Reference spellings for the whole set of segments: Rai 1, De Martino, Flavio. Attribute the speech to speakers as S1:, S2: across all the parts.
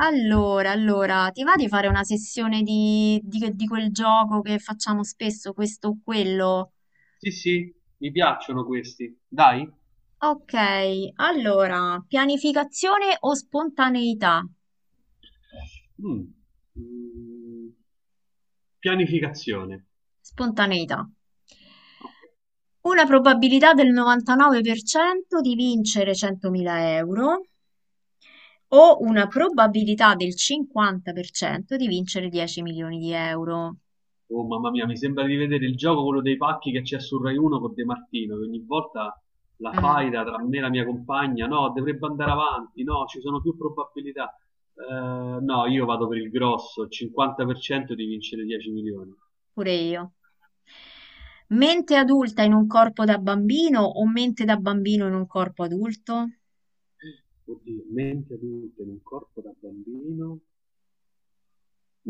S1: Allora, ti va di fare una sessione di quel gioco che facciamo spesso, questo o quello?
S2: Sì, sì, mi piacciono questi. Dai.
S1: Ok, allora, pianificazione o spontaneità?
S2: Mm. Mm. Pianificazione.
S1: Spontaneità.
S2: Ok.
S1: Una probabilità del 99% di vincere 100.000 euro o una probabilità del 50% di vincere 10 milioni di euro.
S2: Oh, mamma mia, mi sembra di vedere il gioco, quello dei pacchi che c'è su Rai 1 con De Martino, che ogni volta la
S1: Mm,
S2: faida tra me e la mia compagna, no, dovrebbe andare avanti, no, ci sono più probabilità. No, io vado per il grosso, 50% di vincere 10 milioni.
S1: pure io. Mente adulta in un corpo da bambino o mente da bambino in un corpo adulto?
S2: Oddio, mente adulta in un corpo da bambino.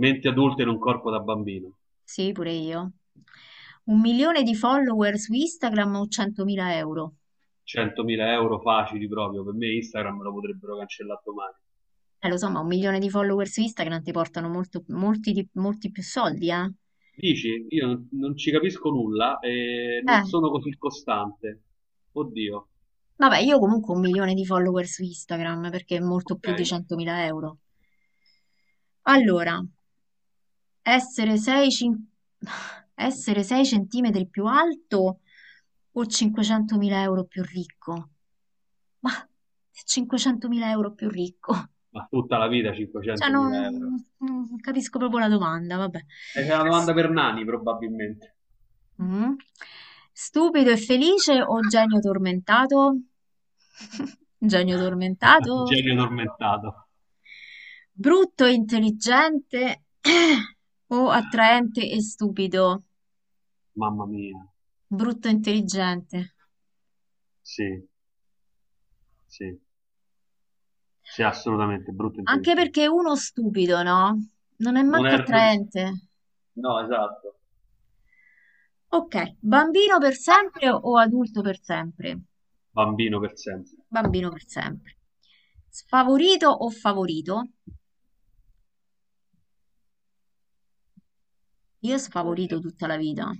S2: Mente adulta in un corpo da bambino.
S1: Sì, pure io. 1 milione di follower su Instagram o 100.000 euro?
S2: 100.000 euro facili proprio, per me Instagram me lo potrebbero cancellare domani.
S1: Lo so, ma 1 milione di follower su Instagram ti portano molti più soldi, eh?
S2: Dici, io non ci capisco nulla e non
S1: Eh,
S2: sono così costante. Oddio,
S1: vabbè, io comunque 1 milione di follower su Instagram perché è molto
S2: ok.
S1: più di 100.000 euro. Allora, essere 6, cin- essere 6 centimetri più alto o 500.000 euro più ricco? Ma 500.000 euro più ricco.
S2: Ma tutta la vita
S1: Cioè, non,
S2: 500.000 euro.
S1: non capisco proprio la domanda, vabbè.
S2: È una
S1: S-
S2: domanda per Nani, probabilmente.
S1: mm. Stupido e felice o genio tormentato? Genio tormentato?
S2: Genio tormentato.
S1: Brutto e intelligente o attraente e stupido?
S2: Mamma mia,
S1: Brutto e intelligente.
S2: sì, sì, sì, assolutamente, brutto e
S1: Anche
S2: intelligente.
S1: perché uno stupido, no? Non è
S2: Non
S1: manco
S2: è... non-
S1: attraente.
S2: No, esatto,
S1: Ok, bambino per sempre o adulto per sempre?
S2: bambino per sempre.
S1: Bambino per sempre. Sfavorito o favorito? Io sfavorito
S2: Eh.
S1: tutta la vita.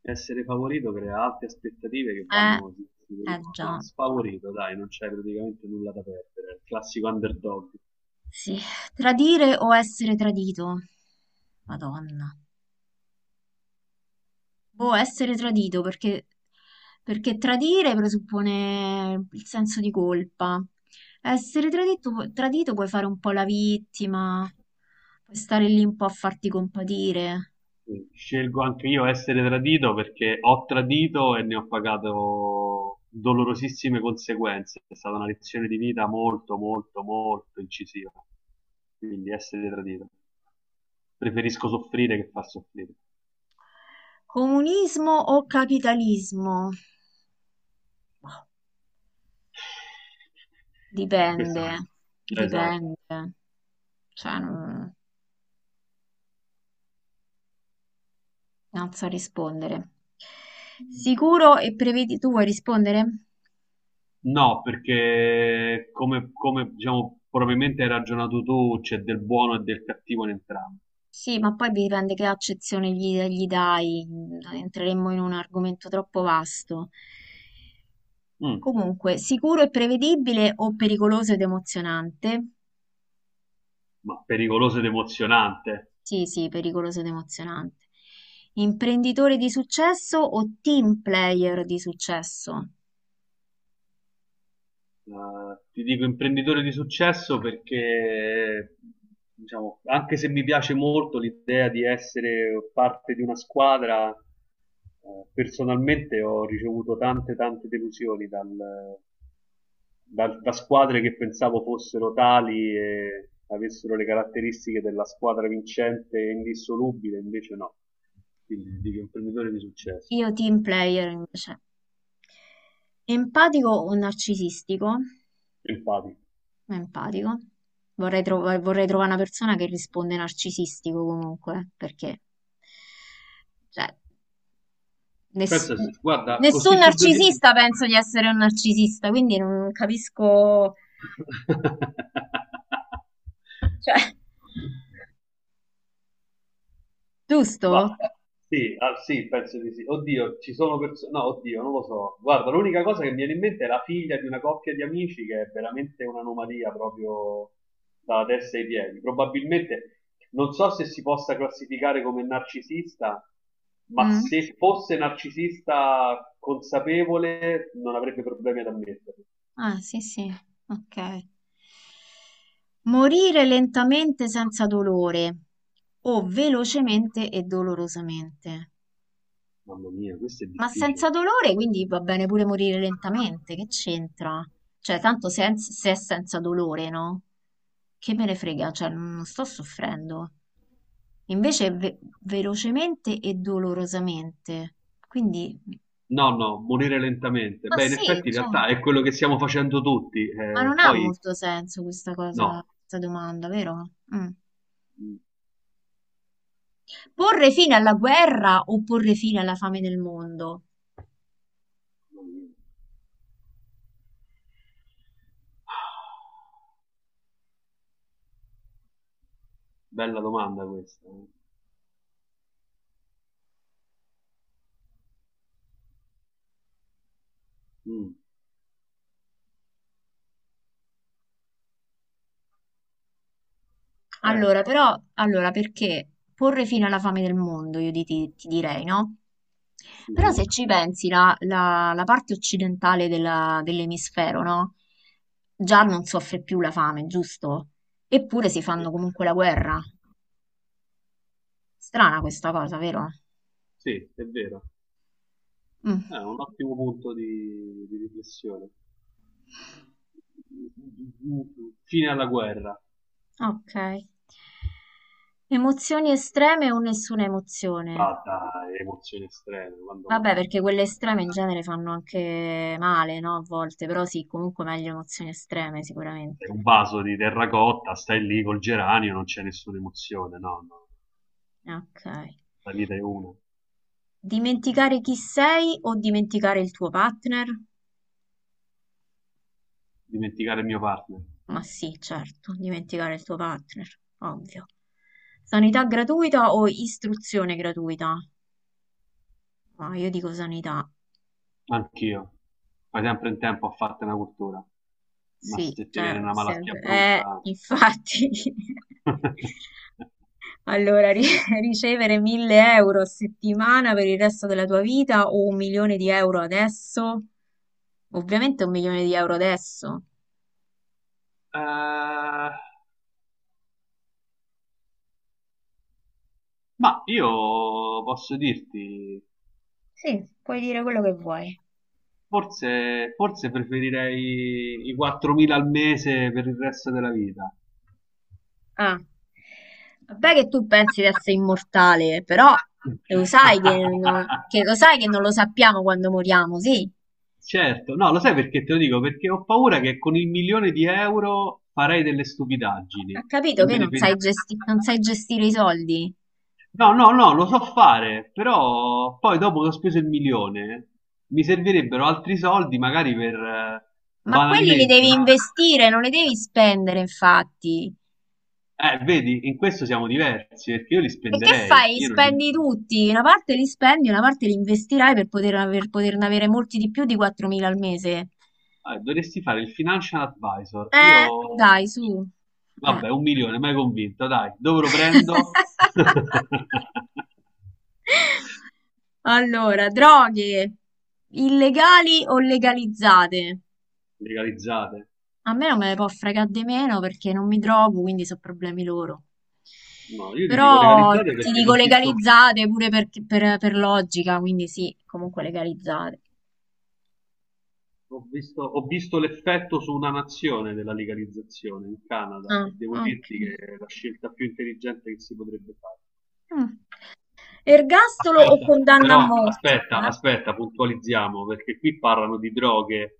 S2: Essere favorito crea alte aspettative che
S1: Eh,
S2: vanno,
S1: eh
S2: no,
S1: già,
S2: sfavorito, dai, non c'è praticamente nulla da perdere, è il classico underdog.
S1: sì. Tradire o essere tradito? Madonna. Boh, essere tradito perché tradire presuppone il senso di colpa. Essere tradito puoi fare un po' la vittima, puoi stare lì un po' a farti compatire.
S2: Scelgo anche io essere tradito perché ho tradito e ne ho pagato dolorosissime conseguenze. È stata una lezione di vita molto, molto, molto incisiva. Quindi essere tradito. Preferisco soffrire che far soffrire.
S1: Comunismo o capitalismo? Boh.
S2: Questo
S1: Dipende,
S2: sì. Esatto.
S1: dipende, cioè non so rispondere. Tu vuoi rispondere?
S2: No, perché come, diciamo, probabilmente hai ragionato tu, c'è del buono e del cattivo in entrambi.
S1: Sì, ma poi dipende che accezione gli dai, entreremmo in un argomento troppo vasto.
S2: Mm,
S1: Comunque, sicuro e prevedibile o pericoloso ed emozionante?
S2: ma pericoloso ed emozionante.
S1: Sì, sì, pericoloso ed emozionante. Imprenditore di successo o team player di successo?
S2: Eh, ti dico imprenditore di successo perché, diciamo, anche se mi piace molto l'idea di essere parte di una squadra, personalmente ho ricevuto tante, tante delusioni da squadre che pensavo fossero tali e avessero le caratteristiche della squadra vincente e indissolubile, invece no. Quindi dico un imprenditore di successo,
S1: Io team player invece. Empatico o narcisistico?
S2: empatico.
S1: Empatico. Vorrei trovare una persona che risponde narcisistico comunque, perché cioè, ness-
S2: Pensa, guarda, così
S1: nessun
S2: su due piedi.
S1: narcisista penso di essere un narcisista, quindi non capisco... Cioè,
S2: Ma
S1: giusto?
S2: sì, ah, sì, penso di sì. Oddio, ci sono persone. No, oddio, non lo so. Guarda, l'unica cosa che mi viene in mente è la figlia di una coppia di amici che è veramente un'anomalia proprio dalla testa ai piedi. Probabilmente non so se si possa classificare come narcisista, ma
S1: Mm.
S2: se fosse narcisista consapevole non avrebbe problemi ad ammetterlo.
S1: Ah, sì, sì, ok. Morire lentamente senza dolore o velocemente e dolorosamente.
S2: Mamma mia, questo è
S1: Ma senza
S2: difficile.
S1: dolore, quindi va bene pure morire lentamente, che c'entra? Cioè, tanto se è senza dolore, no? Che me ne frega, cioè, non sto soffrendo. Invece, velocemente e dolorosamente. Quindi,
S2: No, no, morire lentamente.
S1: ma
S2: Beh, in
S1: sì,
S2: effetti in
S1: cioè, ma
S2: realtà è quello che stiamo facendo tutti. Eh,
S1: non ha
S2: poi
S1: molto senso questa cosa,
S2: no.
S1: questa domanda, vero? Mm.
S2: Mm,
S1: Porre fine alla guerra o porre fine alla fame del mondo?
S2: mamma mia. Bella domanda questa. Eh. Mm, eh,
S1: Allora, però, allora, perché porre fine alla fame del mondo, io ti direi, no? Però se
S2: Mhm.
S1: ci pensi, la parte occidentale dell'emisfero, no? Già non soffre più la fame, giusto? Eppure si fanno
S2: Sì.
S1: comunque la guerra. Strana questa cosa, vero?
S2: Sì, è vero.
S1: Mm,
S2: È un ottimo punto di riflessione. Fine alla guerra.
S1: ok. Emozioni estreme o nessuna emozione?
S2: Ma dai, emozioni estreme, quando mai?
S1: Vabbè, perché quelle estreme in genere fanno anche male, no? A volte, però sì, comunque meglio emozioni estreme
S2: Sei
S1: sicuramente.
S2: un vaso di terracotta, stai lì col geranio, non c'è nessuna emozione. No, no,
S1: Ok.
S2: la vita è una.
S1: Dimenticare chi sei o dimenticare il tuo partner?
S2: Dimenticare il mio partner.
S1: Ma sì, certo, dimenticare il tuo partner, ovvio. Sanità gratuita o istruzione gratuita? Ma io dico sanità,
S2: Anch'io. Fai sempre in tempo a farti una cultura. Ma
S1: sì,
S2: se ti viene
S1: cioè,
S2: una malattia brutta...
S1: infatti. Allora, ricevere 1000 euro a settimana per il resto della tua vita o 1 milione di euro adesso? Ovviamente 1 milione di euro adesso.
S2: Eh, ma io posso dirti,
S1: Sì, puoi dire quello che vuoi.
S2: forse preferirei i 4.000 al mese per il resto della vita.
S1: Ah, vabbè che tu pensi di essere immortale, però lo sai che non lo sappiamo quando moriamo, sì?
S2: Certo, no, lo sai perché te lo dico? Perché ho paura che con il milione di euro farei delle stupidaggini
S1: Ha capito
S2: e
S1: che
S2: me ne pentirei.
S1: non sai gestire i soldi?
S2: No, no, no, lo so fare, però poi dopo che ho speso il milione mi servirebbero altri soldi magari per
S1: Ma quelli li
S2: banalmente,
S1: devi
S2: no?
S1: investire, non li devi spendere, infatti.
S2: Vedi, in questo siamo diversi perché io li
S1: E che
S2: spenderei,
S1: fai?
S2: io non li...
S1: Spendi tutti, una parte li spendi, una parte li investirai per poterne avere molti di più di 4.000 al mese.
S2: Dovresti fare il financial advisor, io...
S1: Dai, su. Eh.
S2: Vabbè, un milione, mai convinto, dai, dove lo prendo?
S1: Allora, droghe illegali o legalizzate?
S2: Legalizzate.
S1: A me non me ne può fregare di meno perché non mi trovo, quindi sono problemi loro.
S2: No, io ti dico
S1: Però
S2: legalizzate
S1: ti
S2: perché
S1: dico
S2: l'ho visto...
S1: legalizzate pure per logica, quindi sì, comunque legalizzate.
S2: Ho visto l'effetto su una nazione della legalizzazione in Canada
S1: Ah,
S2: e devo
S1: ok.
S2: dirti che è la scelta più intelligente che si potrebbe fare.
S1: Mm. Ergastolo o
S2: Aspetta,
S1: condanna a
S2: però
S1: morte?
S2: aspetta, puntualizziamo perché qui parlano di droghe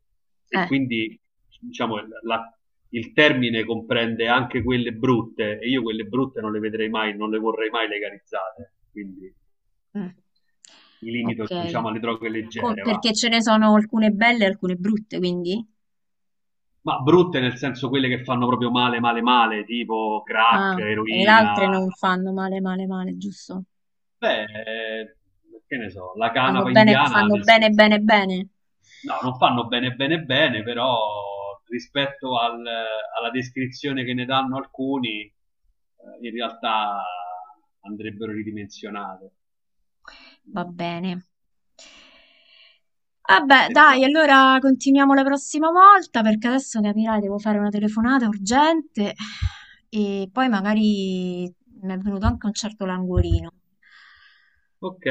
S1: Eh?
S2: e quindi diciamo la- il termine comprende anche quelle brutte e io quelle brutte non le vedrei mai, non le vorrei mai legalizzate, quindi
S1: Mm.
S2: mi
S1: Ok.
S2: limito diciamo alle droghe leggere, va.
S1: Perché ce ne sono alcune belle e alcune brutte, quindi?
S2: Ma brutte nel senso quelle che fanno proprio male, male, male, tipo
S1: Ah,
S2: crack,
S1: e le altre
S2: eroina.
S1: non fanno male, male, male, giusto?
S2: Beh, che ne so, la canapa indiana, ad
S1: Fanno bene,
S2: esempio.
S1: bene, bene.
S2: No, non fanno bene, bene, bene, però rispetto alla descrizione che ne danno alcuni, in realtà andrebbero ridimensionate.
S1: Va bene. Vabbè,
S2: Perché-
S1: dai, allora continuiamo la prossima volta perché adesso capirai, devo fare una telefonata urgente e poi magari mi è venuto anche un certo languorino.
S2: Ok,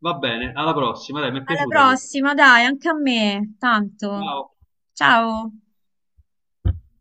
S2: va bene, alla prossima, dai, mi è
S1: Alla
S2: piaciuta questa.
S1: prossima, dai, anche a me, tanto.
S2: Ciao.
S1: Ciao.